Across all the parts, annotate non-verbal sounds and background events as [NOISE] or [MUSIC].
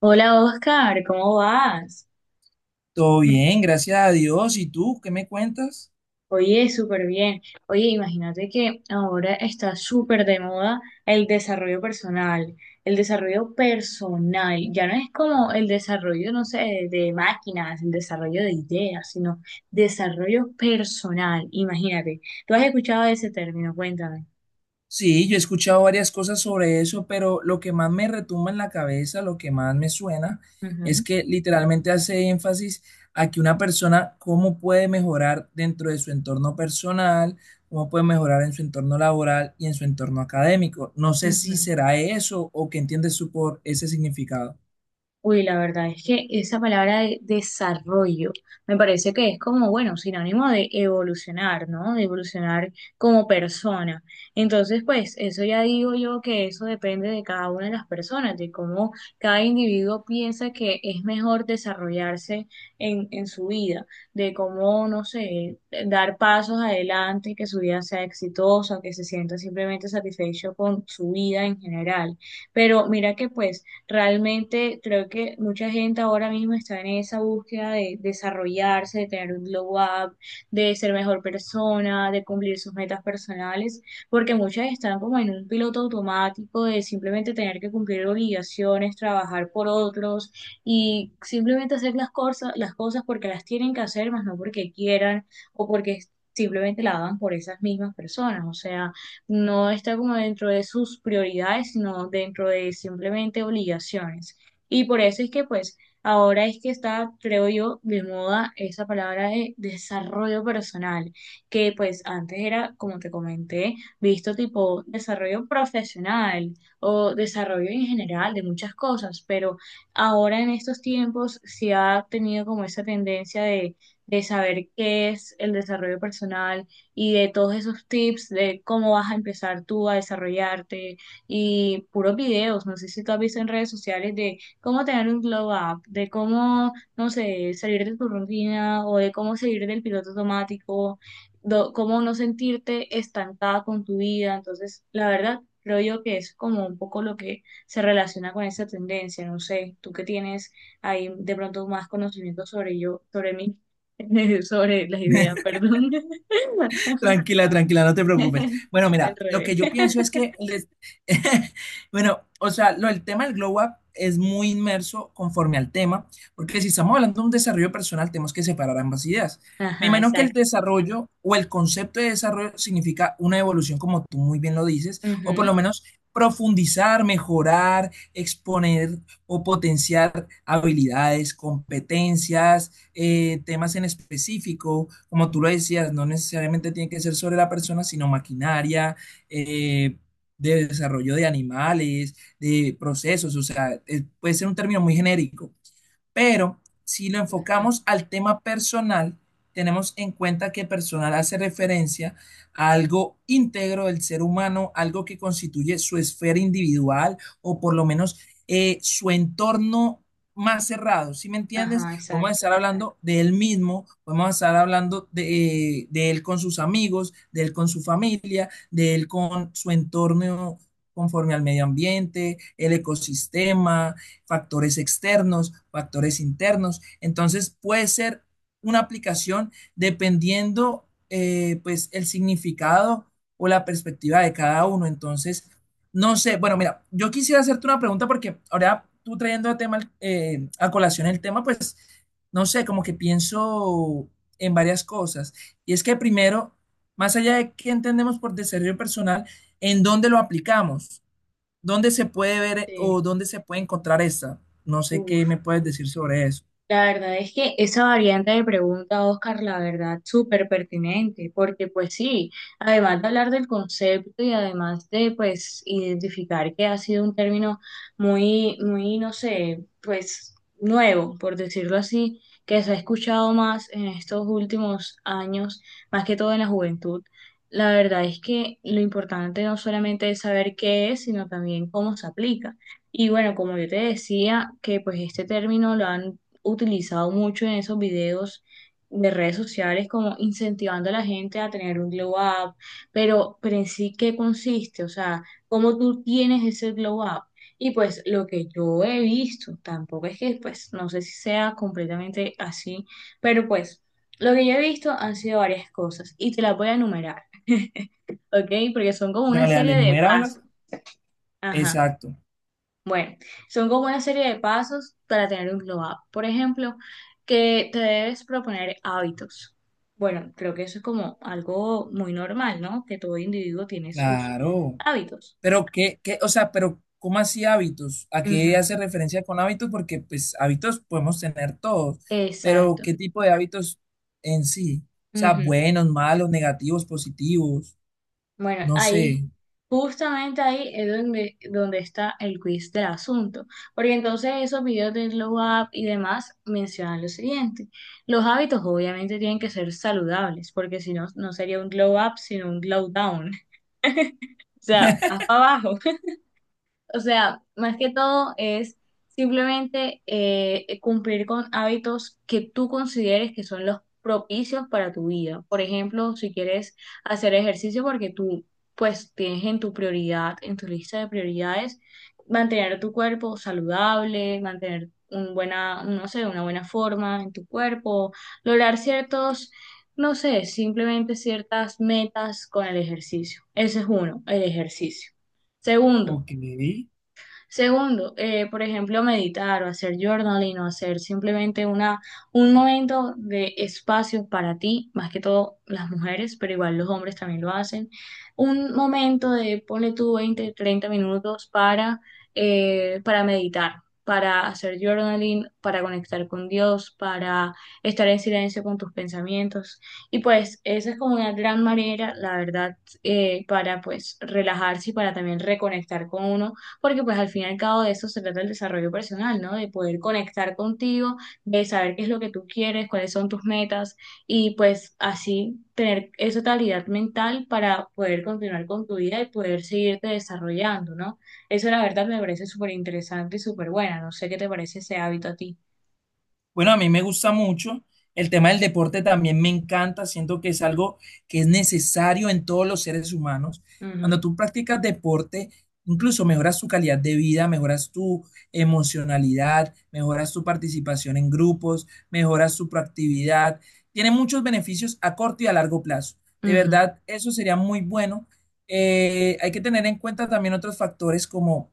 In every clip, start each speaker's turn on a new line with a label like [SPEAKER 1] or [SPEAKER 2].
[SPEAKER 1] Hola Oscar, ¿cómo vas?
[SPEAKER 2] Todo bien, gracias a Dios. ¿Y tú qué me cuentas?
[SPEAKER 1] Oye, súper bien. Oye, imagínate que ahora está súper de moda el desarrollo personal. El desarrollo personal ya no es como el desarrollo, no sé, de máquinas, el desarrollo de ideas, sino desarrollo personal. Imagínate. ¿Tú has escuchado ese término? Cuéntame.
[SPEAKER 2] Sí, yo he escuchado varias cosas sobre eso, pero lo que más me retumba en la cabeza, lo que más me suena, es
[SPEAKER 1] Ujú,
[SPEAKER 2] que literalmente hace énfasis a que una persona, cómo puede mejorar dentro de su entorno personal, cómo puede mejorar en su entorno laboral y en su entorno académico. No sé si
[SPEAKER 1] ujú.
[SPEAKER 2] será eso o qué entiendes tú por ese significado.
[SPEAKER 1] Uy, la verdad es que esa palabra de desarrollo me parece que es como, bueno, sinónimo de evolucionar, ¿no? De evolucionar como persona. Entonces, pues, eso ya digo yo que eso depende de cada una de las personas, de cómo cada individuo piensa que es mejor desarrollarse en su vida, de cómo, no sé, dar pasos adelante, que su vida sea exitosa, que se sienta simplemente satisfecho con su vida en general. Pero mira que, pues, realmente creo que mucha gente ahora mismo está en esa búsqueda de desarrollarse, de tener un glow up, de ser mejor persona, de cumplir sus metas personales, porque muchas están como en un piloto automático de simplemente tener que cumplir obligaciones, trabajar por otros y simplemente hacer las cosas porque las tienen que hacer, más no porque quieran o porque simplemente la hagan por esas mismas personas. O sea, no está como dentro de sus prioridades, sino dentro de simplemente obligaciones. Y por eso es que pues ahora es que está, creo yo, de moda esa palabra de desarrollo personal, que pues antes era, como te comenté, visto tipo desarrollo profesional o desarrollo en general de muchas cosas, pero ahora en estos tiempos se ha tenido como esa tendencia de saber qué es el desarrollo personal, y de todos esos tips de cómo vas a empezar tú a desarrollarte y puros videos, no sé si tú has visto en redes sociales de cómo tener un glow up, de cómo, no sé, salir de tu rutina o de cómo salir del piloto automático, cómo no sentirte estancada con tu vida, entonces la verdad creo yo que es como un poco lo que se relaciona con esa tendencia, no sé, tú que tienes ahí de pronto más conocimiento sobre yo, sobre mí, [LAUGHS] sobre las ideas,
[SPEAKER 2] [LAUGHS]
[SPEAKER 1] perdón. [LAUGHS]
[SPEAKER 2] Tranquila, tranquila, no te preocupes. Bueno,
[SPEAKER 1] [LAUGHS] Del
[SPEAKER 2] mira, lo que
[SPEAKER 1] revés.
[SPEAKER 2] yo pienso es que, [LAUGHS] bueno, o sea, el tema del Glow Up es muy inmerso conforme al tema, porque si estamos hablando de un desarrollo personal, tenemos que separar ambas ideas. Me
[SPEAKER 1] Ajá,
[SPEAKER 2] imagino que el
[SPEAKER 1] exacto.
[SPEAKER 2] desarrollo o el concepto de desarrollo significa una evolución, como tú muy bien lo dices, o por
[SPEAKER 1] Ujú,
[SPEAKER 2] lo menos profundizar, mejorar, exponer o potenciar habilidades, competencias temas en específico, como tú lo decías, no necesariamente tiene que ser sobre la persona, sino maquinaria, eh, de desarrollo de animales, de procesos, o sea, puede ser un término muy genérico, pero si lo
[SPEAKER 1] ujú.
[SPEAKER 2] enfocamos al tema personal, tenemos en cuenta que personal hace referencia a algo íntegro del ser humano, algo que constituye su esfera individual o por lo menos su entorno más cerrado, ¿sí me entiendes?
[SPEAKER 1] Ajá,
[SPEAKER 2] Podemos
[SPEAKER 1] exacto.
[SPEAKER 2] estar hablando de él mismo, podemos estar hablando de, él con sus amigos, de él con su familia, de él con su entorno conforme al medio ambiente, el ecosistema, factores externos, factores internos. Entonces puede ser una aplicación dependiendo pues el significado o la perspectiva de cada uno. Entonces, no sé, bueno, mira, yo quisiera hacerte una pregunta porque ahora tú trayendo a, tema, a colación el tema, pues, no sé, como que pienso en varias cosas. Y es que primero, más allá de qué entendemos por desarrollo personal, ¿en dónde lo aplicamos? ¿Dónde se puede ver
[SPEAKER 1] Sí.
[SPEAKER 2] o dónde se puede encontrar esta? No sé qué
[SPEAKER 1] Uf.
[SPEAKER 2] me puedes decir sobre eso.
[SPEAKER 1] La verdad es que esa variante de pregunta, Oscar, la verdad, súper pertinente, porque pues sí, además de hablar del concepto y además de pues identificar que ha sido un término muy, muy, no sé, pues nuevo, por decirlo así, que se ha escuchado más en estos últimos años, más que todo en la juventud. La verdad es que lo importante no solamente es saber qué es, sino también cómo se aplica. Y bueno, como yo te decía, que pues este término lo han utilizado mucho en esos videos de redes sociales, como incentivando a la gente a tener un glow up, pero en sí, ¿qué consiste? O sea, ¿cómo tú tienes ese glow up? Y pues lo que yo he visto, tampoco es que, pues, no sé si sea completamente así, pero pues lo que yo he visto han sido varias cosas y te las voy a enumerar, ¿ok? Porque son como una
[SPEAKER 2] Dale, dale,
[SPEAKER 1] serie de
[SPEAKER 2] enuméramelas.
[SPEAKER 1] pasos. Ajá.
[SPEAKER 2] Exacto,
[SPEAKER 1] Bueno, son como una serie de pasos para tener un glow up. Por ejemplo, que te debes proponer hábitos. Bueno, creo que eso es como algo muy normal, ¿no? Que todo individuo tiene sus
[SPEAKER 2] claro.
[SPEAKER 1] hábitos.
[SPEAKER 2] Pero o sea, pero ¿cómo así hábitos? ¿A qué
[SPEAKER 1] Ujú,
[SPEAKER 2] hace referencia con hábitos? Porque pues hábitos podemos tener todos, pero
[SPEAKER 1] exacto.
[SPEAKER 2] ¿qué tipo de hábitos en sí? O sea,
[SPEAKER 1] Ujú.
[SPEAKER 2] buenos, malos, negativos, positivos,
[SPEAKER 1] Bueno,
[SPEAKER 2] no
[SPEAKER 1] ahí,
[SPEAKER 2] sé.
[SPEAKER 1] justamente ahí es donde, está el quiz del asunto, porque entonces esos videos de Glow Up y demás mencionan lo siguiente, los hábitos obviamente tienen que ser saludables, porque si no, no sería un Glow Up, sino un Glow Down, [LAUGHS] o sea, más para abajo. O sea, más que todo es simplemente cumplir con hábitos que tú consideres que son los propicios para tu vida. Por ejemplo, si quieres hacer ejercicio porque tú pues tienes en tu prioridad, en tu lista de prioridades, mantener tu cuerpo saludable, mantener un buena, no sé, una buena forma en tu cuerpo, lograr ciertos, no sé, simplemente ciertas metas con el ejercicio. Ese es uno, el ejercicio. Segundo,
[SPEAKER 2] Ok.
[SPEAKER 1] Segundo, por ejemplo, meditar o hacer journaling o hacer simplemente una, un momento de espacio para ti, más que todo las mujeres, pero igual los hombres también lo hacen. Un momento de, ponle tú 20 30 minutos para meditar, para hacer journaling, para conectar con Dios, para estar en silencio con tus pensamientos. Y pues esa es como una gran manera, la verdad, para pues relajarse y para también reconectar con uno porque pues al fin y al cabo de eso se trata el desarrollo personal, ¿no? De poder conectar contigo, de saber qué es lo que tú quieres, cuáles son tus metas y pues así tener esa calidad mental para poder continuar con tu vida y poder seguirte desarrollando, ¿no? Eso la verdad me parece súper interesante y súper buena. No sé qué te parece ese hábito a ti.
[SPEAKER 2] Bueno, a mí me gusta mucho. El tema del deporte también me encanta. Siento que es algo que es necesario en todos los seres humanos. Cuando
[SPEAKER 1] Ujú,
[SPEAKER 2] tú practicas deporte, incluso mejoras tu calidad de vida, mejoras tu emocionalidad, mejoras tu participación en grupos, mejoras tu proactividad. Tiene muchos beneficios a corto y a largo plazo. De
[SPEAKER 1] ujú,
[SPEAKER 2] verdad, eso sería muy bueno. Hay que tener en cuenta también otros factores como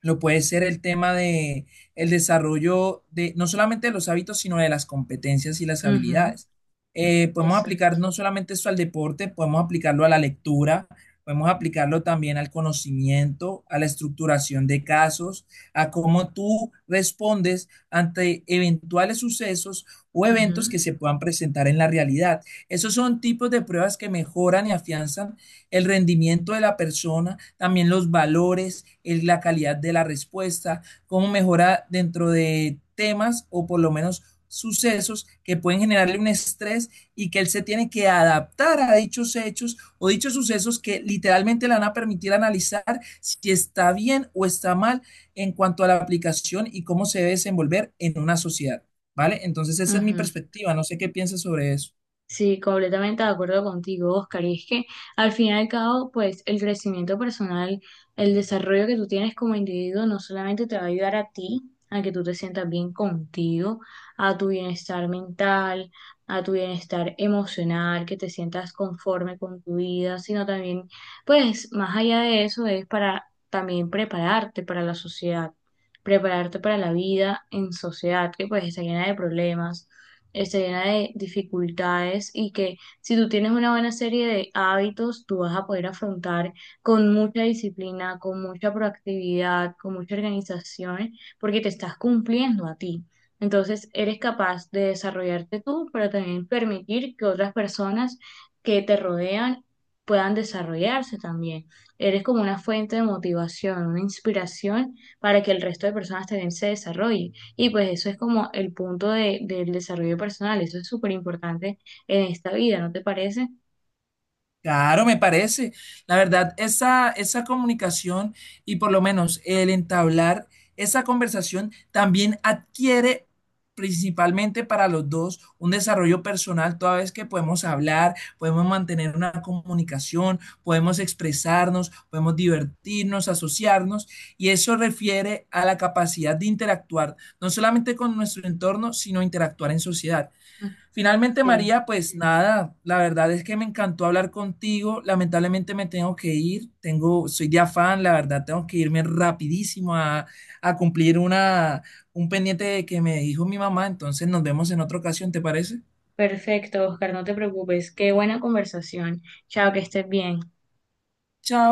[SPEAKER 2] lo puede ser el tema de el desarrollo de no solamente de los hábitos, sino de las competencias y las
[SPEAKER 1] ujú.
[SPEAKER 2] habilidades. Podemos aplicar
[SPEAKER 1] Exacto.
[SPEAKER 2] no solamente esto al deporte, podemos aplicarlo a la lectura, podemos aplicarlo también al conocimiento, a la estructuración de casos, a cómo tú respondes ante eventuales sucesos o
[SPEAKER 1] Ujú,
[SPEAKER 2] eventos que se puedan presentar en la realidad. Esos son tipos de pruebas que mejoran y afianzan el rendimiento de la persona, también los valores, la calidad de la respuesta, cómo mejora dentro de temas o por lo menos sucesos que pueden generarle un estrés y que él se tiene que adaptar a dichos hechos o dichos sucesos que literalmente le van a permitir analizar si está bien o está mal en cuanto a la aplicación y cómo se debe desenvolver en una sociedad, ¿vale? Entonces esa es mi
[SPEAKER 1] ujú.
[SPEAKER 2] perspectiva, no sé qué piensas sobre eso.
[SPEAKER 1] Sí, completamente de acuerdo contigo, Oscar. Y es que al fin y al cabo, pues el crecimiento personal, el desarrollo que tú tienes como individuo, no solamente te va a ayudar a ti, a que tú te sientas bien contigo, a tu bienestar mental, a tu bienestar emocional, que te sientas conforme con tu vida, sino también, pues más allá de eso, es para también prepararte para la sociedad, prepararte para la vida en sociedad, que pues está llena de problemas, está llena de dificultades y que si tú tienes una buena serie de hábitos, tú vas a poder afrontar con mucha disciplina, con mucha proactividad, con mucha organización, porque te estás cumpliendo a ti. Entonces, eres capaz de desarrollarte tú, pero también permitir que otras personas que te rodean puedan desarrollarse también. Eres como una fuente de motivación, una inspiración para que el resto de personas también se desarrollen. Y pues eso es como el punto de, del desarrollo personal, eso es súper importante en esta vida, ¿no te parece?
[SPEAKER 2] Claro, me parece. La verdad, esa comunicación y por lo menos el entablar esa conversación también adquiere principalmente para los dos un desarrollo personal, toda vez que podemos hablar, podemos mantener una comunicación, podemos expresarnos, podemos divertirnos, asociarnos, y eso refiere a la capacidad de interactuar, no solamente con nuestro entorno, sino interactuar en sociedad.
[SPEAKER 1] Ah,
[SPEAKER 2] Finalmente,
[SPEAKER 1] sí,
[SPEAKER 2] María, pues nada, la verdad es que me encantó hablar contigo. Lamentablemente me tengo que ir, tengo, soy de afán, la verdad, tengo que irme rapidísimo a cumplir una, un pendiente que me dijo mi mamá. Entonces nos vemos en otra ocasión, ¿te parece?
[SPEAKER 1] perfecto, Oscar, no te preocupes, qué buena conversación. Chao, que estés bien.
[SPEAKER 2] Chao.